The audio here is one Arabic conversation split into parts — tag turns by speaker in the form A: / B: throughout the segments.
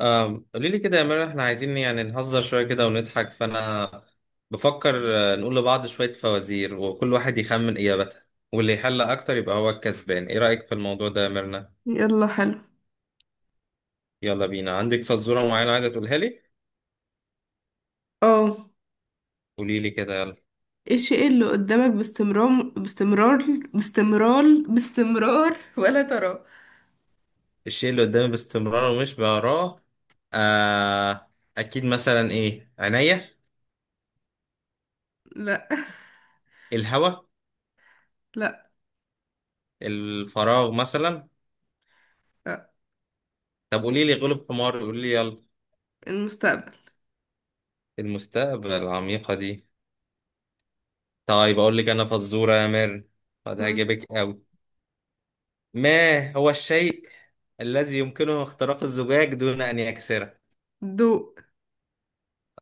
A: قولي لي كده يا مرة، احنا عايزين يعني نهزر شوية كده ونضحك، فأنا بفكر نقول لبعض شوية فوازير وكل واحد يخمن إجابتها، واللي يحل أكتر يبقى هو الكسبان. إيه رأيك في الموضوع ده يا ميرنا؟
B: يلا حلو.
A: يلا بينا. عندك فزورة معينة عايزة تقولها لي؟
B: اه.
A: قولي لي كده يلا.
B: الشيء اللي قدامك باستمرار باستمرار باستمرار باستمرار ولا تراه.
A: الشيء اللي قدامي باستمرار ومش بقراه؟ آه. أكيد مثلا إيه؟ عينيا؟
B: لا،
A: الهوا؟
B: لا،
A: الفراغ مثلا؟
B: لا.
A: طب قولي لي، غلب حمار، قولي لي يلا.
B: المستقبل.
A: المستقبل؟ العميقة دي. طيب أقول لك أنا فزورة يا مير، قد
B: مم.
A: هجيبك أوي. ما هو الشيء الذي يمكنه اختراق الزجاج دون أن يكسره؟
B: ضوء.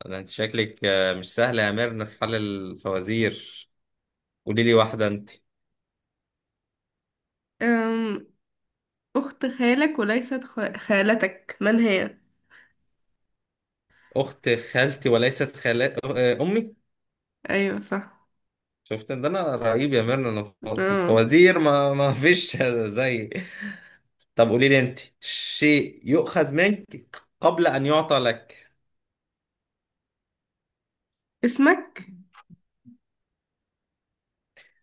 A: أنت شكلك مش سهلة يا مير في حل الفوازير. قولي لي واحدة أنت.
B: أم... أخت خالك وليست خالتك، من هي؟
A: أخت خالتي وليست خالات، أمي.
B: أيوة صح.
A: شفت إن ده؟ أنا رهيب يا مير، أنا في
B: اه.
A: الفوازير ما فيش زي. طب قولي لي أنت، شيء يؤخذ منك قبل أن يعطى لك.
B: اسمك.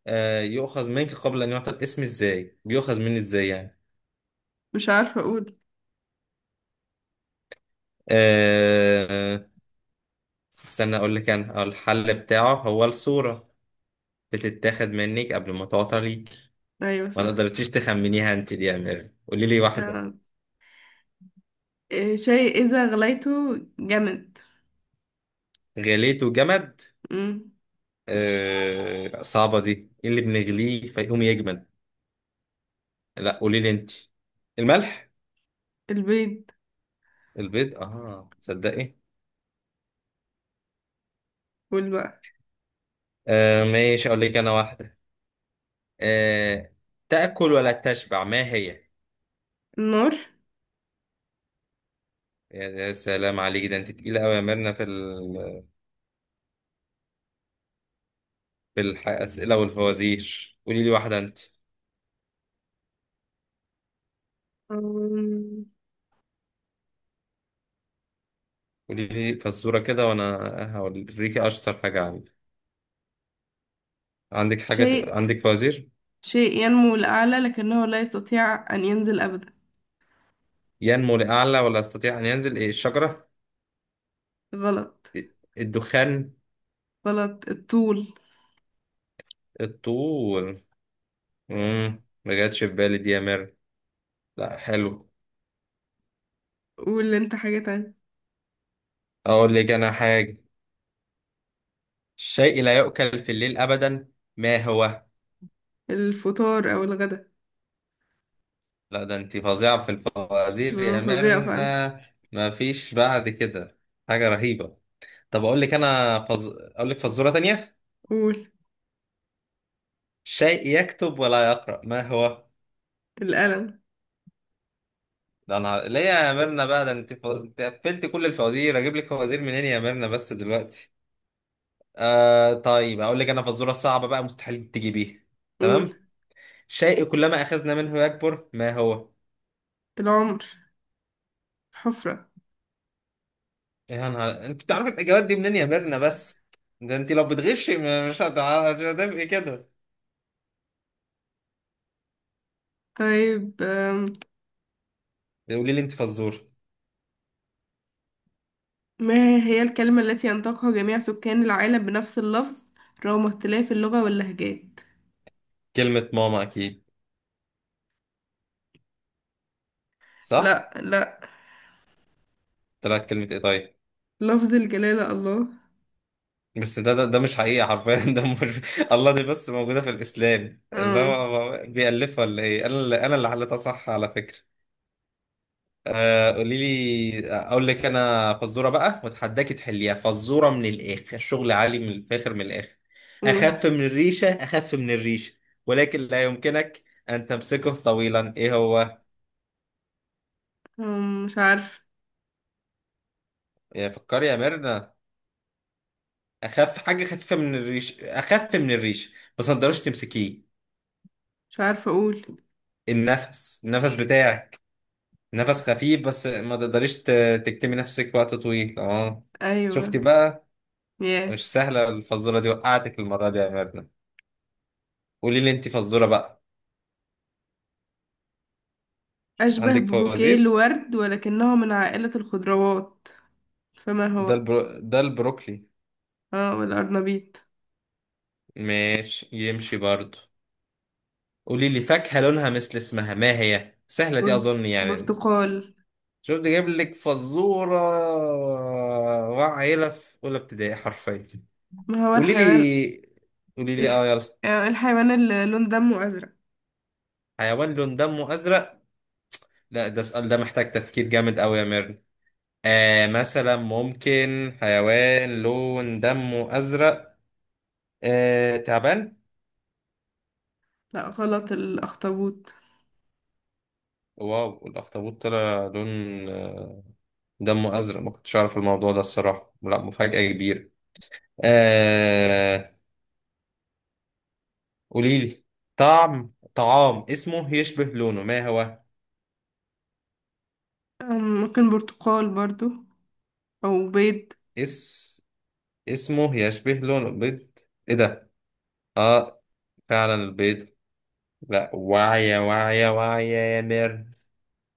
A: يؤخذ منك قبل أن يعطى، الاسم إزاي بيؤخذ مني، إزاي يعني؟
B: مش عارفة أقول.
A: أه استنى اقول لك انا، الحل بتاعه هو الصورة، بتتاخد منك قبل ما تعطى ليك.
B: أيوة
A: ما
B: صح.
A: تقدرتيش تخمنيها انت دي يا امير. قولي لي واحدة.
B: آه. شيء إذا غليته جمد.
A: غليته جمد؟
B: مم.
A: أه صعبة دي، ايه اللي بنغليه فيقوم يجمد؟ لا قولي لي انت. الملح؟
B: البيض.
A: البيض؟ اه تصدقي.
B: والبقر.
A: أه ماشي، اقول لك انا واحدة. أه، تأكل ولا تشبع، ما هي؟
B: النار.
A: يا سلام عليك، ده انت تقيلة قوي يا ميرنا في بالأسئلة والفوازير. قولي لي واحدة أنت.
B: أم...
A: قولي لي فزورة كده، وأنا هوريك أشطر حاجة عندي. عندك حاجة،
B: شيء
A: عندك فوازير؟
B: شيء ينمو لأعلى لكنه لا يستطيع أن ينزل أبدا.
A: ينمو لأعلى ولا يستطيع أن ينزل، إيه؟ الشجرة؟
B: غلط.
A: إيه؟ الدخان؟
B: غلط الطول.
A: الطول. مم، ما جاتش في بالي دي يا مير. لا حلو.
B: قول أنت حاجة تانية.
A: أقول لك أنا حاجة. الشيء لا يؤكل في الليل أبدا، ما هو؟
B: الفطار أو الغدا.
A: لا ده أنت فظيعة في الفوازير
B: مم،
A: يا
B: فظيعة فعلا.
A: ميرنا، ما فيش بعد كده، حاجة رهيبة. طب اقول لك انا اقول لك فزوره تانية.
B: قول.
A: شيء يكتب ولا يقرا، ما هو؟
B: الألم.
A: ده انا ليه يا ميرنا بقى، ده انت انت قفلت كل الفوازير، اجيب لك فوازير منين يا ميرنا بس دلوقتي؟ آه طيب اقول لك انا فزوره صعبه بقى، مستحيل تجيبيها.
B: قول.
A: تمام. شيء كلما اخذنا منه يكبر، ما هو؟
B: العمر. الحفرة.
A: يا نهار، انت بتعرف الاجابات دي منين يا ميرنا بس؟ ده انت لو بتغشي مش مش هتبقي كده.
B: طيب.
A: قولي لي انت فزور.
B: ما هي الكلمة التي ينطقها جميع سكان العالم بنفس اللفظ رغم اختلاف اللغة واللهجات؟
A: كلمه ماما اكيد. صح؟
B: لا، لا.
A: طلعت كلمه ايه طيب؟
B: لفظ الجلالة الله.
A: بس ده ده مش حقيقة حرفيا ده مش الله، دي بس موجودة في الإسلام، اللي
B: اه.
A: هو بيألفها ولا إيه، أنا اللي حليتها صح على فكرة. قولي لي، أقول لك أنا فزورة بقى وأتحداكي تحليها. فزورة من الآخر، شغل عالي من الفاخر، من الآخر.
B: قول.
A: أخف من الريشة، أخف من الريشة، ولكن لا يمكنك أن تمسكه طويلا، إيه هو؟
B: مش عارف.
A: يا فكري يا ميرنا، أخف حاجة، خفيفة من الريش، أخف من الريش، بس ما تقدرش تمسكيه.
B: مش عارفة أقول.
A: النفس، النفس بتاعك، نفس خفيف بس ما تقدريش تكتمي نفسك وقت طويل، اه. شفتي
B: أيوة.
A: بقى؟
B: ياه.
A: مش سهلة الفزورة دي، وقعتك المرة دي يا ميرنا. قولي لي انت فزورة بقى.
B: أشبه
A: عندك
B: ببouquet
A: فوازير؟
B: الورد ولكنه من عائلة الخضروات، فما
A: ده
B: هو؟
A: ده البروكلي.
B: اه، والأرنبيط.
A: ماشي، يمشي برضو. قولي لي فاكهة لونها مثل اسمها، ما هي؟ سهلة دي
B: بر-
A: أظن يعني.
B: برتقال.
A: شفت، جايب لك فزورة وعيلة في أولى ابتدائي حرفيا.
B: ما هو
A: قولي
B: الحيوان؟
A: لي، قولي لي
B: الح...
A: اه يلا.
B: آه، الحيوان اللي لون دمه أزرق.
A: حيوان لون دمه أزرق؟ لا ده السؤال ده محتاج تفكير جامد قوي يا ميرن. آه مثلا، ممكن حيوان لون دمه أزرق؟ آه، تعبان؟
B: لا غلط. الأخطبوط.
A: واو، الأخطبوط طلع لون آه، دمه أزرق؟ ما كنتش أعرف الموضوع ده الصراحة، لا مفاجأة كبيرة. آه، قوليلي. طعم طعام اسمه يشبه لونه، ما هو؟
B: ممكن برتقال برضو، أو بيض.
A: اس اسمه يشبه لونه، بيض؟ ايه ده؟ اه، فعلا البيض. لا واعية، واعية، واعية يا ميرن،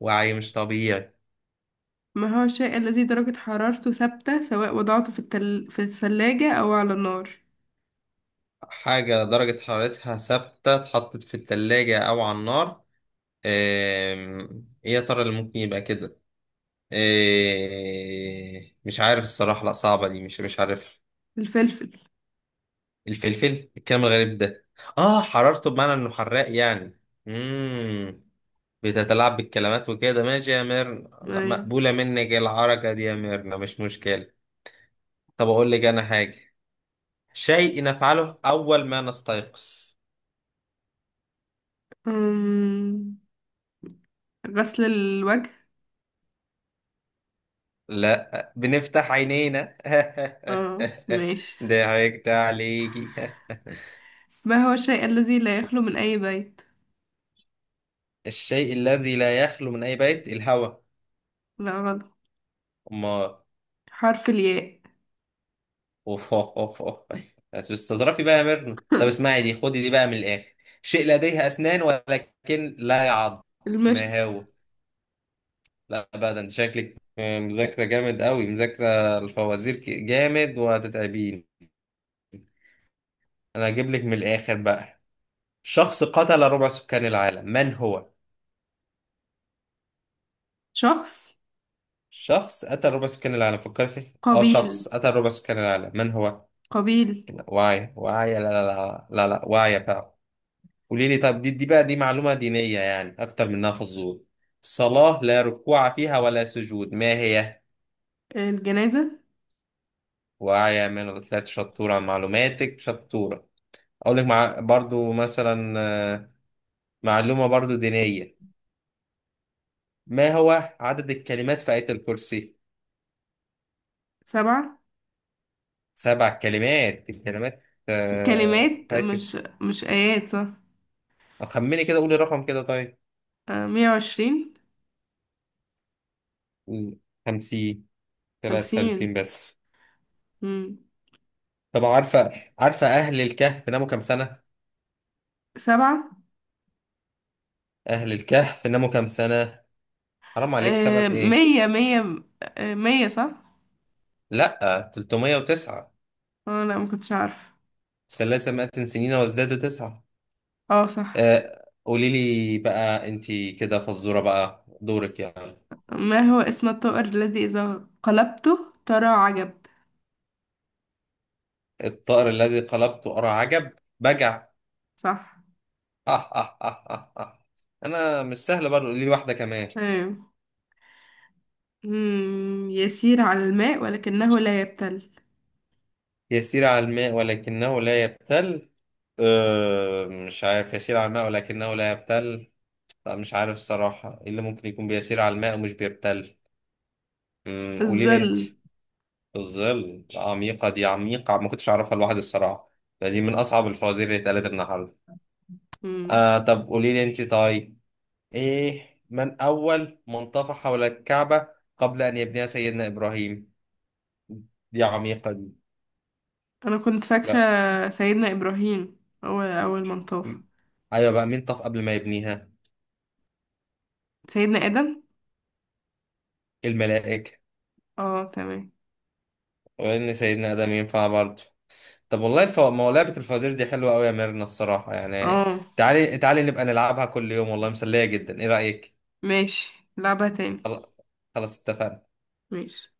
A: وعي مش طبيعي.
B: ما هو الشيء الذي درجة حرارته ثابتة سواء وضعته في في الثلاجة أو على النار؟
A: حاجة درجة حرارتها ثابتة، اتحطت في التلاجة أو على النار؟ إيه يا ترى اللي ممكن يبقى كده؟ مش عارف الصراحة، لأ صعبة دي، مش عارف.
B: الفلفل.
A: الفلفل؟ الكلام الغريب ده، آه، حرارته بمعنى إنه حراق يعني. مم. بتتلاعب بالكلمات وكده، ماشي يا ميرنا، لأ،
B: أيوة.
A: مقبولة منك العركة دي يا ميرنا، مش مشكلة. طب أقول لك أنا حاجة. شيء نفعله أول ما نستيقظ؟
B: أم، غسل الوجه.
A: لا، بنفتح عينينا
B: اه ماشي.
A: ضحكت عليكي.
B: ما هو الشيء الذي لا يخلو من أي بيت؟
A: الشيء الذي لا يخلو من أي بيت، الهواء؟
B: لا غلط.
A: أما.
B: حرف الياء.
A: أوه أوه أوه أوه. تستظرفي بقى يا ميرنا. طب اسمعي دي، خدي دي بقى من الآخر. شيء لديه أسنان ولكن لا يعض،
B: المشط.
A: ما هو؟ لا بقى، ده انت شكلك مذاكرة جامد قوي، مذاكرة الفوازير جامد وهتتعبين. أنا هجيب لك من الآخر بقى. شخص قتل ربع سكان العالم، من هو؟
B: شخص.
A: شخص أتى ربع سكان العالم، فكر فيه. اه،
B: قبيل.
A: شخص أتى ربع سكان العالم من هو؟
B: قبيل.
A: واعية، واعية، لا لا لا لا لا، واعية فعلا. قولي لي، طب دي بقى، دي معلومة دينية يعني أكتر منها فزور. صلاة لا ركوع فيها ولا سجود، ما هي؟
B: الجنازة.
A: واعية من الأثلات، شطورة، معلوماتك شطورة. أقول لك مع برضو مثلا، آه، معلومة برضو دينية. ما هو عدد الكلمات في آية الكرسي؟
B: سبعة.
A: سبع كلمات، الكلمات
B: الكلمات،
A: في آية.
B: مش آيات صح.
A: خمني كده، قولي رقم كده طيب.
B: آه، 120.
A: 50؟ طلعت
B: 50.
A: 50 بس.
B: مم.
A: طب عارفة أهل الكهف ناموا كام سنة؟
B: سبعة.
A: أهل الكهف ناموا كام سنة؟ حرام عليك، سبعة
B: آه،
A: إيه؟
B: 100 100. آه، 100 صح.
A: لأ 309.
B: اه، لا ما كنتش عارف.
A: ثلاثة مئة سنين وازدادوا تسعة.
B: اه صح.
A: آه قولي لي بقى، أنتي كده فزورة بقى، دورك يعني.
B: ما هو اسم الطائر الذي إذا قلبته ترى عجب؟
A: الطائر الذي قلبته أرى عجب، بجع.
B: صح.
A: أه أه أه أه أه. أنا مش سهل برضه، قولي لي واحدة كمان.
B: ايوه. مم. يسير على الماء ولكنه لا يبتل.
A: يسير على الماء ولكنه لا يبتل؟ أه مش عارف، يسير على الماء ولكنه لا يبتل، لا مش عارف الصراحة، ايه اللي ممكن يكون بيسير على الماء ومش بيبتل؟ قولي لي انت.
B: الظل.
A: الظل؟ عميقة دي، عميقة، ما كنتش اعرفها لوحدي الصراحة. ده دي من اصعب الفوازير اللي اتقالت النهاردة.
B: مم.
A: آه طب قولي لي انت طيب. ايه من اول من طاف حول الكعبة قبل ان يبنيها سيدنا ابراهيم؟ دي عميقة دي.
B: أنا كنت فاكرة
A: لا.
B: سيدنا إبراهيم هو أول من طاف.
A: م- ايوه بقى، مين طاف قبل ما يبنيها؟
B: سيدنا آدم.
A: الملائكة؟
B: اه تمام.
A: وان سيدنا ادم ينفع برضه. طب والله ما هو لعبه الفوازير دي حلوه قوي يا ميرنا الصراحه يعني.
B: اه
A: تعالي تعالي نبقى نلعبها كل يوم، والله مسليه جدا، ايه رايك؟
B: ماشي، لعبة تاني.
A: خل- خلاص اتفقنا.
B: ماشي.